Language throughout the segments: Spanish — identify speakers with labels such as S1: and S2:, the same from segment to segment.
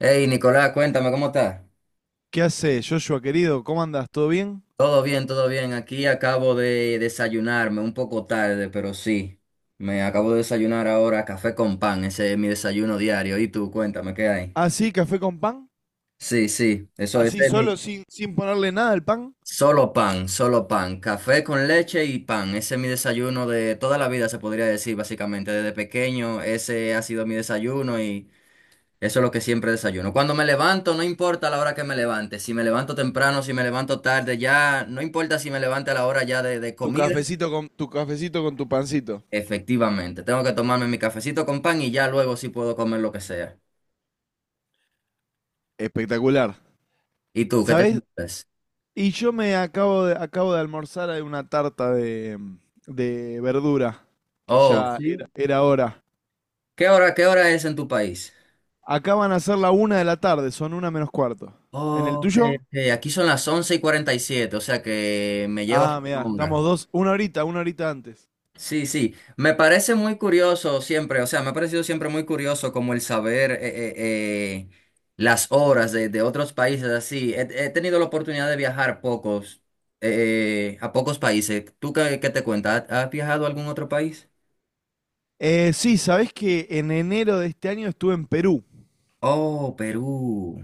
S1: Hey, Nicolás, cuéntame cómo estás.
S2: ¿Qué hace, Joshua querido? ¿Cómo andas? ¿Todo bien?
S1: Todo bien, todo bien. Aquí acabo de desayunarme un poco tarde, pero sí. Me acabo de desayunar ahora café con pan. Ese es mi desayuno diario. Y tú, cuéntame, ¿qué hay?
S2: ¿Así, café con pan?
S1: Sí, sí, eso
S2: ¿Así
S1: ese es mi...
S2: solo, sin ponerle nada al pan?
S1: Solo pan, solo pan. Café con leche y pan. Ese es mi desayuno de toda la vida, se podría decir, básicamente. Desde pequeño, ese ha sido mi desayuno y eso es lo que siempre desayuno. Cuando me levanto, no importa la hora que me levante. Si me levanto temprano, si me levanto tarde, ya no importa si me levante a la hora ya de
S2: Tu
S1: comida.
S2: cafecito con tu cafecito con tu pancito.
S1: Efectivamente, tengo que tomarme mi cafecito con pan y ya luego sí puedo comer lo que sea.
S2: Espectacular.
S1: ¿Y tú, qué te
S2: ¿Sabés?
S1: comes?
S2: Y yo me acabo de almorzar de una tarta de verdura, que
S1: Oh,
S2: ya era,
S1: sí.
S2: era hora.
S1: ¿Qué hora es en tu país?
S2: Acá van a ser la una de la tarde, son una menos cuarto. ¿En el
S1: Oh, ok,
S2: tuyo?
S1: ok. Aquí son las 11:47, o sea que me llevas
S2: Ah, mira,
S1: una hora.
S2: estamos dos, una horita antes.
S1: Sí, sí, me parece muy curioso siempre, o sea, me ha parecido siempre muy curioso como el saber, las horas de otros países así. He tenido la oportunidad de viajar a pocos países. ¿Tú qué te cuentas? ¿Has viajado a algún otro país?
S2: Sí, ¿sabés que en enero de este año estuve en Perú?
S1: Oh, Perú.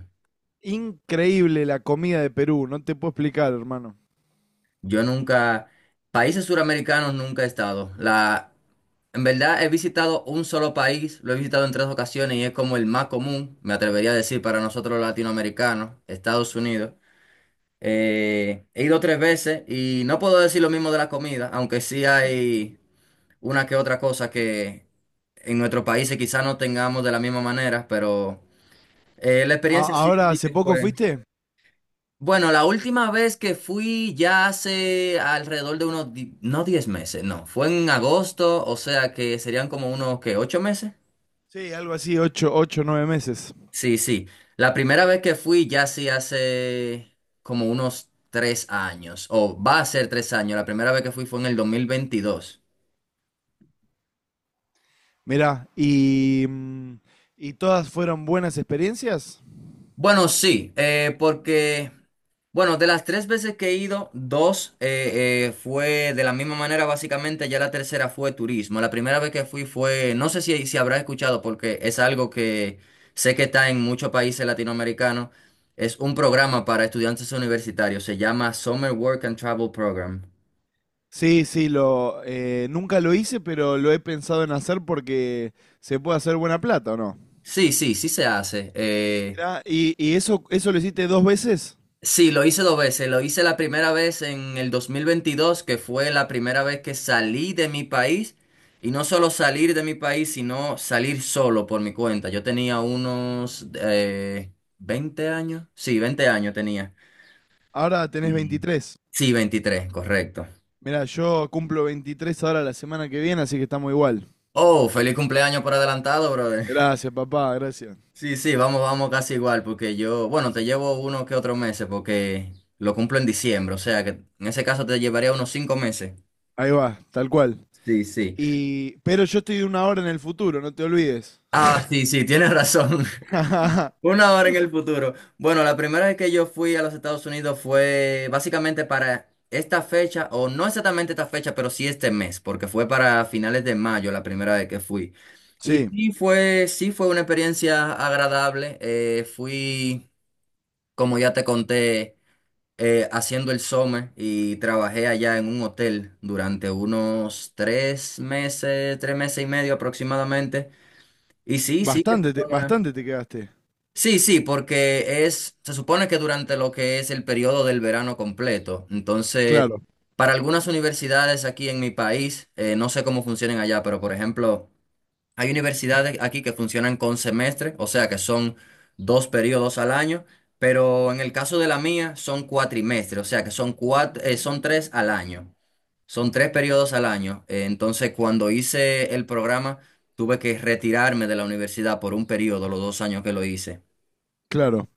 S2: Increíble la comida de Perú, no te puedo explicar, hermano.
S1: Yo nunca, países suramericanos nunca he estado. En verdad he visitado un solo país, lo he visitado en tres ocasiones y es como el más común, me atrevería a decir, para nosotros los latinoamericanos, Estados Unidos. He ido 3 veces y no puedo decir lo mismo de la comida, aunque sí hay una que otra cosa que en nuestros países quizás no tengamos de la misma manera, pero la experiencia sí,
S2: ¿Ahora
S1: sí
S2: hace
S1: que
S2: poco
S1: fue.
S2: fuiste?
S1: Bueno, la última vez que fui ya hace alrededor de unos, no, 10 meses, no, fue en agosto, o sea que serían como unos, que 8 meses?
S2: Sí, algo así, ocho, ocho, nueve meses.
S1: Sí, sí. La primera vez que fui ya sí hace como unos 3 años, o va a ser 3 años. La primera vez que fui fue en el 2022.
S2: Mirá, ¿y todas fueron buenas experiencias?
S1: Bueno, sí, porque, bueno, de las 3 veces que he ido, dos, fue de la misma manera, básicamente, ya la tercera fue turismo. La primera vez que fui fue, no sé si habrás escuchado, porque es algo que sé que está en muchos países latinoamericanos, es un programa para estudiantes universitarios, se llama Summer Work and Travel Program.
S2: Sí, sí, nunca lo hice, pero lo he pensado en hacer porque se puede hacer buena plata, ¿o no?
S1: Sí, sí, sí se hace.
S2: Mirá, ¿y eso lo hiciste dos veces?
S1: Sí, lo hice 2 veces. Lo hice la primera vez en el 2022, que fue la primera vez que salí de mi país. Y no solo salir de mi país, sino salir solo por mi cuenta. Yo tenía unos, 20 años. Sí, 20 años tenía.
S2: Ahora tenés
S1: Y...
S2: 23.
S1: Sí, 23, correcto.
S2: Mirá, yo cumplo 23 ahora la semana que viene, así que estamos igual.
S1: Oh, feliz cumpleaños por adelantado, bro.
S2: Gracias, papá, gracias.
S1: Sí, sí, vamos, vamos casi igual, porque yo, bueno, te llevo unos que otros meses, porque lo cumplo en diciembre, o sea que en ese caso te llevaría unos 5 meses.
S2: Ahí va, tal cual.
S1: Sí, sí.
S2: Y, pero yo estoy una hora en el futuro, no te olvides.
S1: Ah, sí, sí, tienes razón. Una hora en el futuro. Bueno, la primera vez que yo fui a los Estados Unidos fue básicamente para esta fecha, o no exactamente esta fecha, pero sí este mes, porque fue para finales de mayo la primera vez que fui. Y
S2: Sí,
S1: sí fue una experiencia agradable. Fui, como ya te conté. Haciendo el SOME y trabajé allá en un hotel durante unos 3 meses, 3 meses y medio aproximadamente. Y sí, sí que se
S2: bastante te,
S1: logra.
S2: bastante te quedaste.
S1: Sí, sí, porque es, se supone que durante lo que es el periodo del verano completo. Entonces,
S2: Claro,
S1: para algunas universidades aquí en mi país, no sé cómo funcionan allá, pero por ejemplo, hay universidades aquí que funcionan con semestre, o sea que son 2 periodos al año, pero en el caso de la mía son cuatrimestres, o sea que son, son 3 al año. Son 3 periodos al año. Entonces, cuando hice el programa, tuve que retirarme de la universidad por un periodo, los 2 años que lo hice.
S2: claro.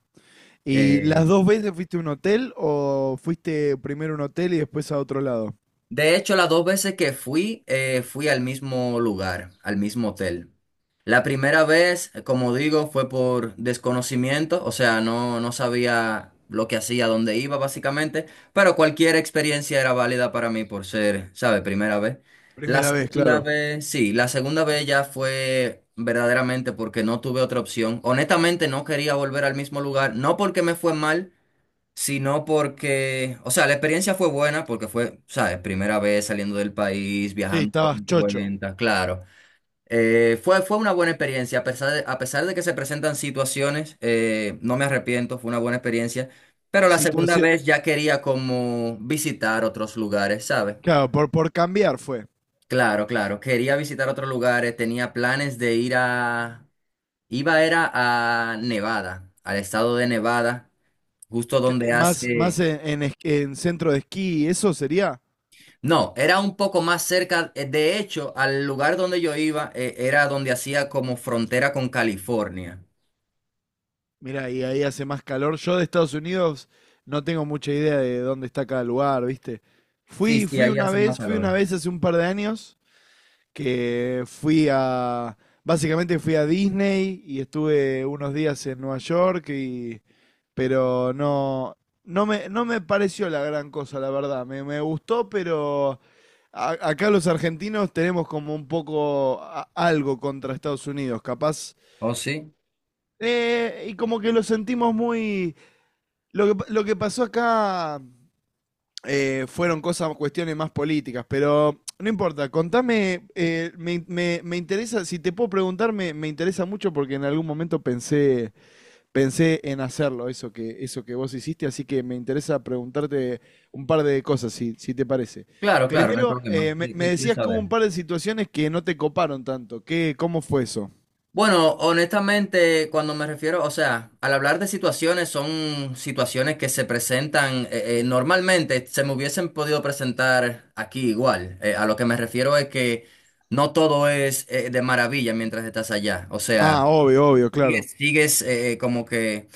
S2: ¿Y
S1: Eh,
S2: las dos veces fuiste a un hotel o fuiste primero a un hotel y después a otro lado?
S1: De hecho, las 2 veces que fui, fui al mismo lugar, al mismo hotel. La primera vez, como digo, fue por desconocimiento, o sea, no, no sabía lo que hacía, dónde iba, básicamente, pero cualquier experiencia era válida para mí por ser, ¿sabe? Primera vez. La
S2: Primera vez,
S1: segunda
S2: claro.
S1: vez, sí, la segunda vez ya fue verdaderamente porque no tuve otra opción. Honestamente, no quería volver al mismo lugar, no porque me fue mal, sino porque, o sea, la experiencia fue buena porque fue, ¿sabes? Primera vez saliendo del país,
S2: Sí,
S1: viajando por
S2: estabas
S1: mi
S2: chocho.
S1: cuenta, claro. Fue una buena experiencia, a pesar de que se presentan situaciones, no me arrepiento, fue una buena experiencia, pero la segunda
S2: Situación,
S1: vez ya quería como visitar otros lugares, ¿sabes?
S2: claro, por cambiar fue.
S1: Claro, claro, quería visitar otros lugares, tenía planes de ir a, iba era a Nevada, al estado de Nevada, justo donde
S2: Más
S1: hace...
S2: en centro de esquí, ¿eso sería?
S1: No, era un poco más cerca. De hecho, al lugar donde yo iba, era donde hacía como frontera con California.
S2: Mira, y ahí hace más calor. Yo de Estados Unidos no tengo mucha idea de dónde está cada lugar, ¿viste?
S1: Sí,
S2: Fui,
S1: sí,
S2: fui
S1: ahí
S2: una
S1: hace más
S2: vez, fui una
S1: calor.
S2: vez hace un par de años que básicamente fui a Disney y estuve unos días en Nueva York y, pero no, no me pareció la gran cosa, la verdad. Me gustó, pero acá los argentinos tenemos como un poco algo contra Estados Unidos, capaz.
S1: ¿Oh, sí?
S2: Y como que lo sentimos muy, lo que pasó acá fueron cosas, cuestiones más políticas, pero no importa. Contame, me interesa, si te puedo preguntar, me interesa mucho porque en algún momento pensé en hacerlo, eso que vos hiciste, así que me interesa preguntarte un par de cosas, si te parece.
S1: Claro, claro, no hay
S2: Primero,
S1: problema.
S2: eh, me,
S1: ¿Qué,
S2: me
S1: qué quieres
S2: decías que hubo
S1: saber?
S2: un par de situaciones que no te coparon tanto. Cómo fue eso?
S1: Bueno, honestamente, cuando me refiero, o sea, al hablar de situaciones, son situaciones que se presentan, normalmente, se me hubiesen podido presentar aquí igual. A lo que me refiero es que no todo es, de maravilla mientras estás allá. O sea,
S2: Ah, obvio, obvio, claro.
S1: como que...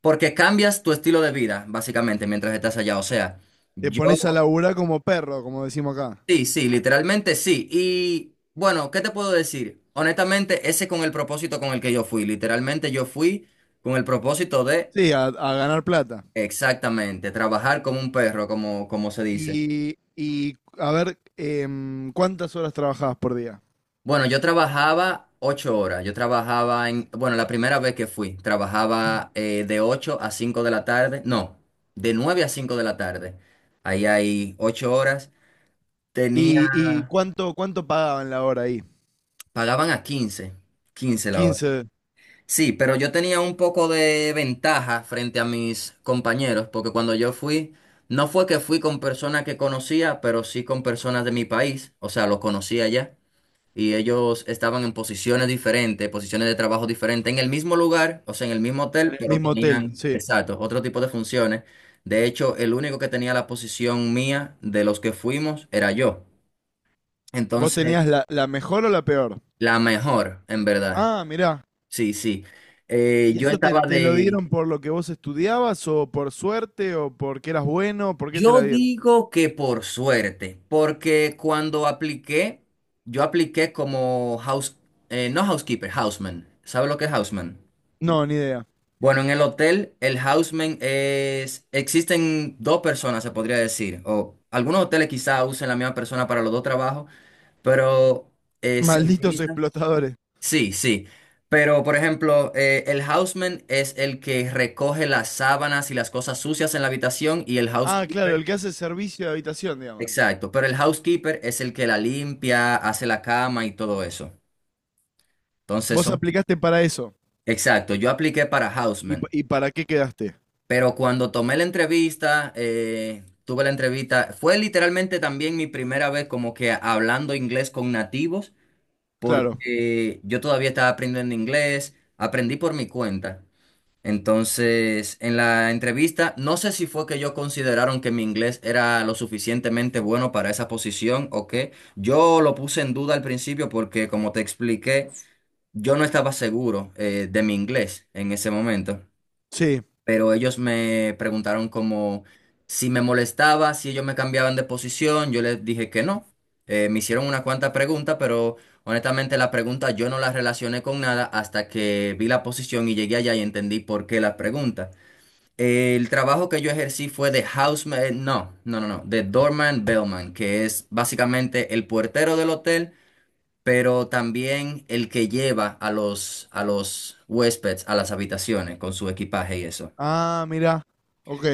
S1: Porque cambias tu estilo de vida, básicamente, mientras estás allá. O sea,
S2: Te
S1: yo,
S2: pones a laburar como perro, como decimos acá.
S1: sí, sí, literalmente sí. Y bueno, ¿qué te puedo decir? Honestamente, ese con el propósito con el que yo fui. Literalmente yo fui con el propósito de,
S2: Sí, a ganar plata.
S1: exactamente, trabajar como un perro, como se dice.
S2: Y a ver, ¿cuántas horas trabajabas por día?
S1: Bueno, yo trabajaba 8 horas. Yo trabajaba en, bueno, la primera vez que fui, trabajaba, de 8 a 5 de la tarde. No, de 9 a 5 de la tarde. Ahí hay 8 horas.
S2: ¿Y
S1: Tenía...
S2: cuánto pagaban la hora ahí?
S1: Pagaban a quince la hora.
S2: 15
S1: Sí, pero yo tenía un poco de ventaja frente a mis compañeros, porque cuando yo fui, no fue que fui con personas que conocía, pero sí con personas de mi país, o sea, los conocía ya, y ellos estaban en posiciones diferentes, posiciones de trabajo diferentes, en el mismo lugar, o sea, en el mismo
S2: en
S1: hotel,
S2: el
S1: pero
S2: mismo hotel,
S1: tenían,
S2: sí.
S1: exacto, otro tipo de funciones. De hecho, el único que tenía la posición mía de los que fuimos era yo.
S2: ¿Vos
S1: Entonces,
S2: tenías la mejor o la peor?
S1: la mejor, en verdad.
S2: Ah, mirá.
S1: Sí, sí.
S2: ¿Y
S1: Yo
S2: eso te,
S1: estaba
S2: te lo
S1: de...
S2: dieron por lo que vos estudiabas o por suerte o porque eras bueno? ¿Por qué te
S1: Yo
S2: la dieron?
S1: digo que por suerte, porque cuando apliqué, yo apliqué como house..., no, housekeeper, houseman. ¿Sabe lo que es houseman?
S2: No, ni idea.
S1: Bueno, en el hotel, el houseman es... Existen 2 personas, se podría decir. O algunos hoteles quizá usen la misma persona para los 2 trabajos, pero se
S2: Malditos
S1: utiliza...
S2: explotadores.
S1: Sí, sí. Pero, por ejemplo, el houseman es el que recoge las sábanas y las cosas sucias en la habitación, y el
S2: Ah, claro,
S1: housekeeper.
S2: el que hace servicio de habitación, digamos.
S1: Exacto. Pero el housekeeper es el que la limpia, hace la cama y todo eso. Entonces
S2: Vos
S1: son...
S2: aplicaste para eso.
S1: Exacto. Yo apliqué para
S2: ¿Y, pa-
S1: houseman.
S2: y para qué quedaste?
S1: Pero cuando tomé la entrevista, tuve la entrevista, fue literalmente también mi primera vez como que hablando inglés con nativos,
S2: Claro.
S1: porque yo todavía estaba aprendiendo inglés, aprendí por mi cuenta. Entonces, en la entrevista, no sé si fue que yo consideraron que mi inglés era lo suficientemente bueno para esa posición o qué. Yo lo puse en duda al principio porque, como te expliqué, yo no estaba seguro, de mi inglés en ese momento.
S2: Sí.
S1: Pero ellos me preguntaron como si me molestaba, si ellos me cambiaban de posición. Yo les dije que no. Me hicieron una cuanta pregunta, pero honestamente, la pregunta yo no la relacioné con nada hasta que vi la posición y llegué allá y entendí por qué la pregunta. El trabajo que yo ejercí fue de houseman, no, no, no, no, de doorman bellman, que es básicamente el puertero del hotel, pero también el que lleva a los, huéspedes a las habitaciones con su equipaje y eso.
S2: Ah, mirá. Ok.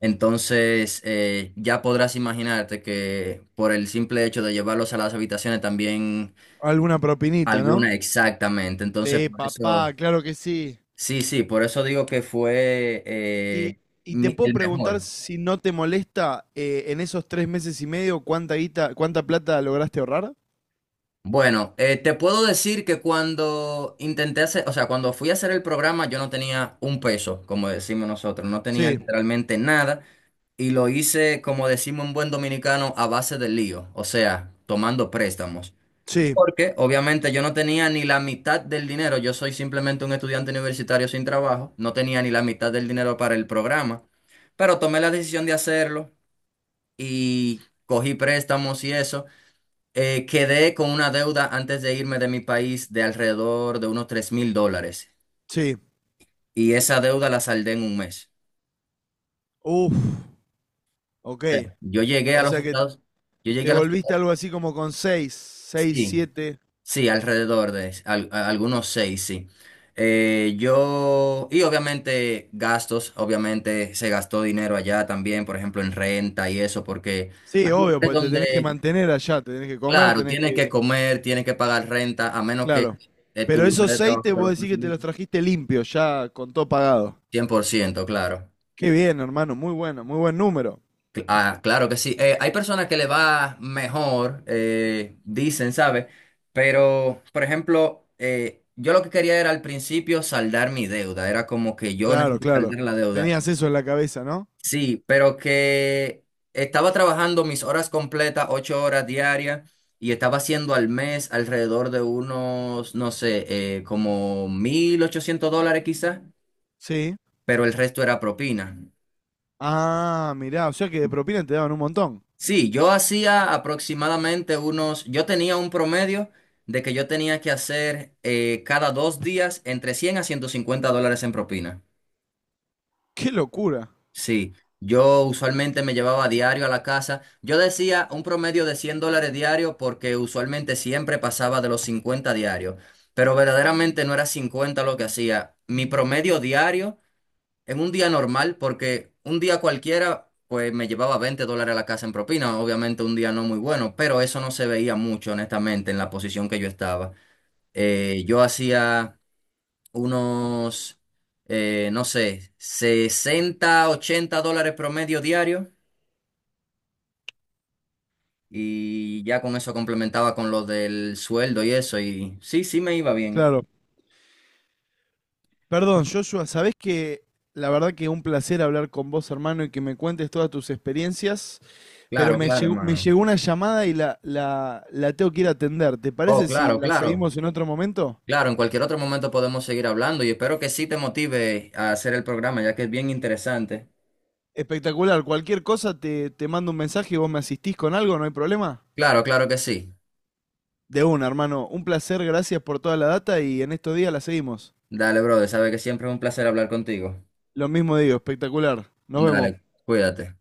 S1: Entonces, ya podrás imaginarte que por el simple hecho de llevarlos a las habitaciones también
S2: Alguna propinita, ¿no?
S1: alguna, exactamente. Entonces,
S2: Sí,
S1: por eso,
S2: papá, claro que sí.
S1: sí, sí, por eso digo que fue,
S2: Y, y te puedo
S1: el
S2: preguntar
S1: mejor.
S2: si no te molesta en esos 3 meses y medio cuánta guita, cuánta plata lograste ahorrar.
S1: Bueno, te puedo decir que cuando intenté hacer, o sea, cuando fui a hacer el programa, yo no tenía un peso, como decimos nosotros, no tenía
S2: Sí,
S1: literalmente nada, y lo hice, como decimos en buen dominicano, a base de lío, o sea, tomando préstamos.
S2: sí,
S1: Porque obviamente yo no tenía ni la mitad del dinero, yo soy simplemente un estudiante universitario sin trabajo, no tenía ni la mitad del dinero para el programa, pero tomé la decisión de hacerlo y cogí préstamos y eso. Quedé con una deuda antes de irme de mi país de alrededor de unos $3,000,
S2: sí.
S1: y esa deuda la saldé en un mes.
S2: Uf, ok.
S1: Yo llegué a
S2: O
S1: los
S2: sea que
S1: Estados, yo
S2: te
S1: llegué a los
S2: volviste
S1: Estados,
S2: algo así como con seis, seis,
S1: sí,
S2: siete.
S1: sí, alrededor de algunos seis, sí. Y obviamente gastos, obviamente se gastó dinero allá también, por ejemplo, en renta y eso, porque
S2: Sí,
S1: hay
S2: obvio,
S1: lugares
S2: porque te tenés que
S1: donde,
S2: mantener allá, te tenés que comer,
S1: claro,
S2: tenés
S1: tienes que
S2: que...
S1: comer, tienes que pagar renta, a menos que
S2: Claro.
S1: tu
S2: Pero
S1: lugar
S2: esos
S1: de
S2: seis
S1: trabajo
S2: te
S1: te
S2: puedo
S1: lo
S2: decir que te los
S1: facilite.
S2: trajiste limpios, ya con todo pagado.
S1: 100%, claro.
S2: Qué bien, hermano, muy bueno, muy buen número.
S1: Ah, claro que sí. Hay personas que le va mejor, dicen, ¿sabes? Pero, por ejemplo, yo lo que quería era al principio saldar mi deuda. Era como que yo
S2: Claro,
S1: necesito
S2: claro.
S1: saldar la deuda.
S2: Tenías eso en la cabeza, ¿no?
S1: Sí, pero que estaba trabajando mis horas completas, 8 horas diarias, y estaba haciendo al mes alrededor de unos, no sé, como $1,800 quizás,
S2: Sí.
S1: pero el resto era propina.
S2: Ah, mirá, o sea que de propina te daban un montón.
S1: Sí, yo hacía aproximadamente unos, yo tenía un promedio de que yo tenía que hacer, cada 2 días, entre $100 a $150 en propina.
S2: ¡Qué locura!
S1: Sí, yo usualmente me llevaba diario a la casa. Yo decía un promedio de $100 diario porque usualmente siempre pasaba de los 50 diarios, pero verdaderamente no era 50 lo que hacía. Mi promedio diario en un día normal, porque un día cualquiera, pues me llevaba $20 a la casa en propina. Obviamente un día no muy bueno, pero eso no se veía mucho, honestamente, en la posición que yo estaba. Yo hacía unos, no sé, sesenta, 80 dólares promedio diario, y ya con eso complementaba con lo del sueldo y eso. Y sí, sí me iba bien.
S2: Claro. Perdón, Joshua, ¿sabés que la verdad que un placer hablar con vos, hermano, y que me cuentes todas tus experiencias? Pero
S1: Claro,
S2: me
S1: claro,
S2: llegó, me
S1: hermano.
S2: llegó una llamada y la tengo que ir a atender. ¿Te
S1: Oh,
S2: parece si
S1: claro,
S2: la
S1: claro.
S2: seguimos en otro momento?
S1: Claro, en cualquier otro momento podemos seguir hablando y espero que sí te motive a hacer el programa, ya que es bien interesante.
S2: Espectacular. Cualquier cosa te mando un mensaje y vos me asistís con algo, no hay problema.
S1: Claro, claro que sí.
S2: De una, hermano. Un placer, gracias por toda la data y en estos días la seguimos.
S1: Dale, brother, sabe que siempre es un placer hablar contigo.
S2: Lo mismo digo, espectacular. Nos vemos.
S1: Dale, cuídate.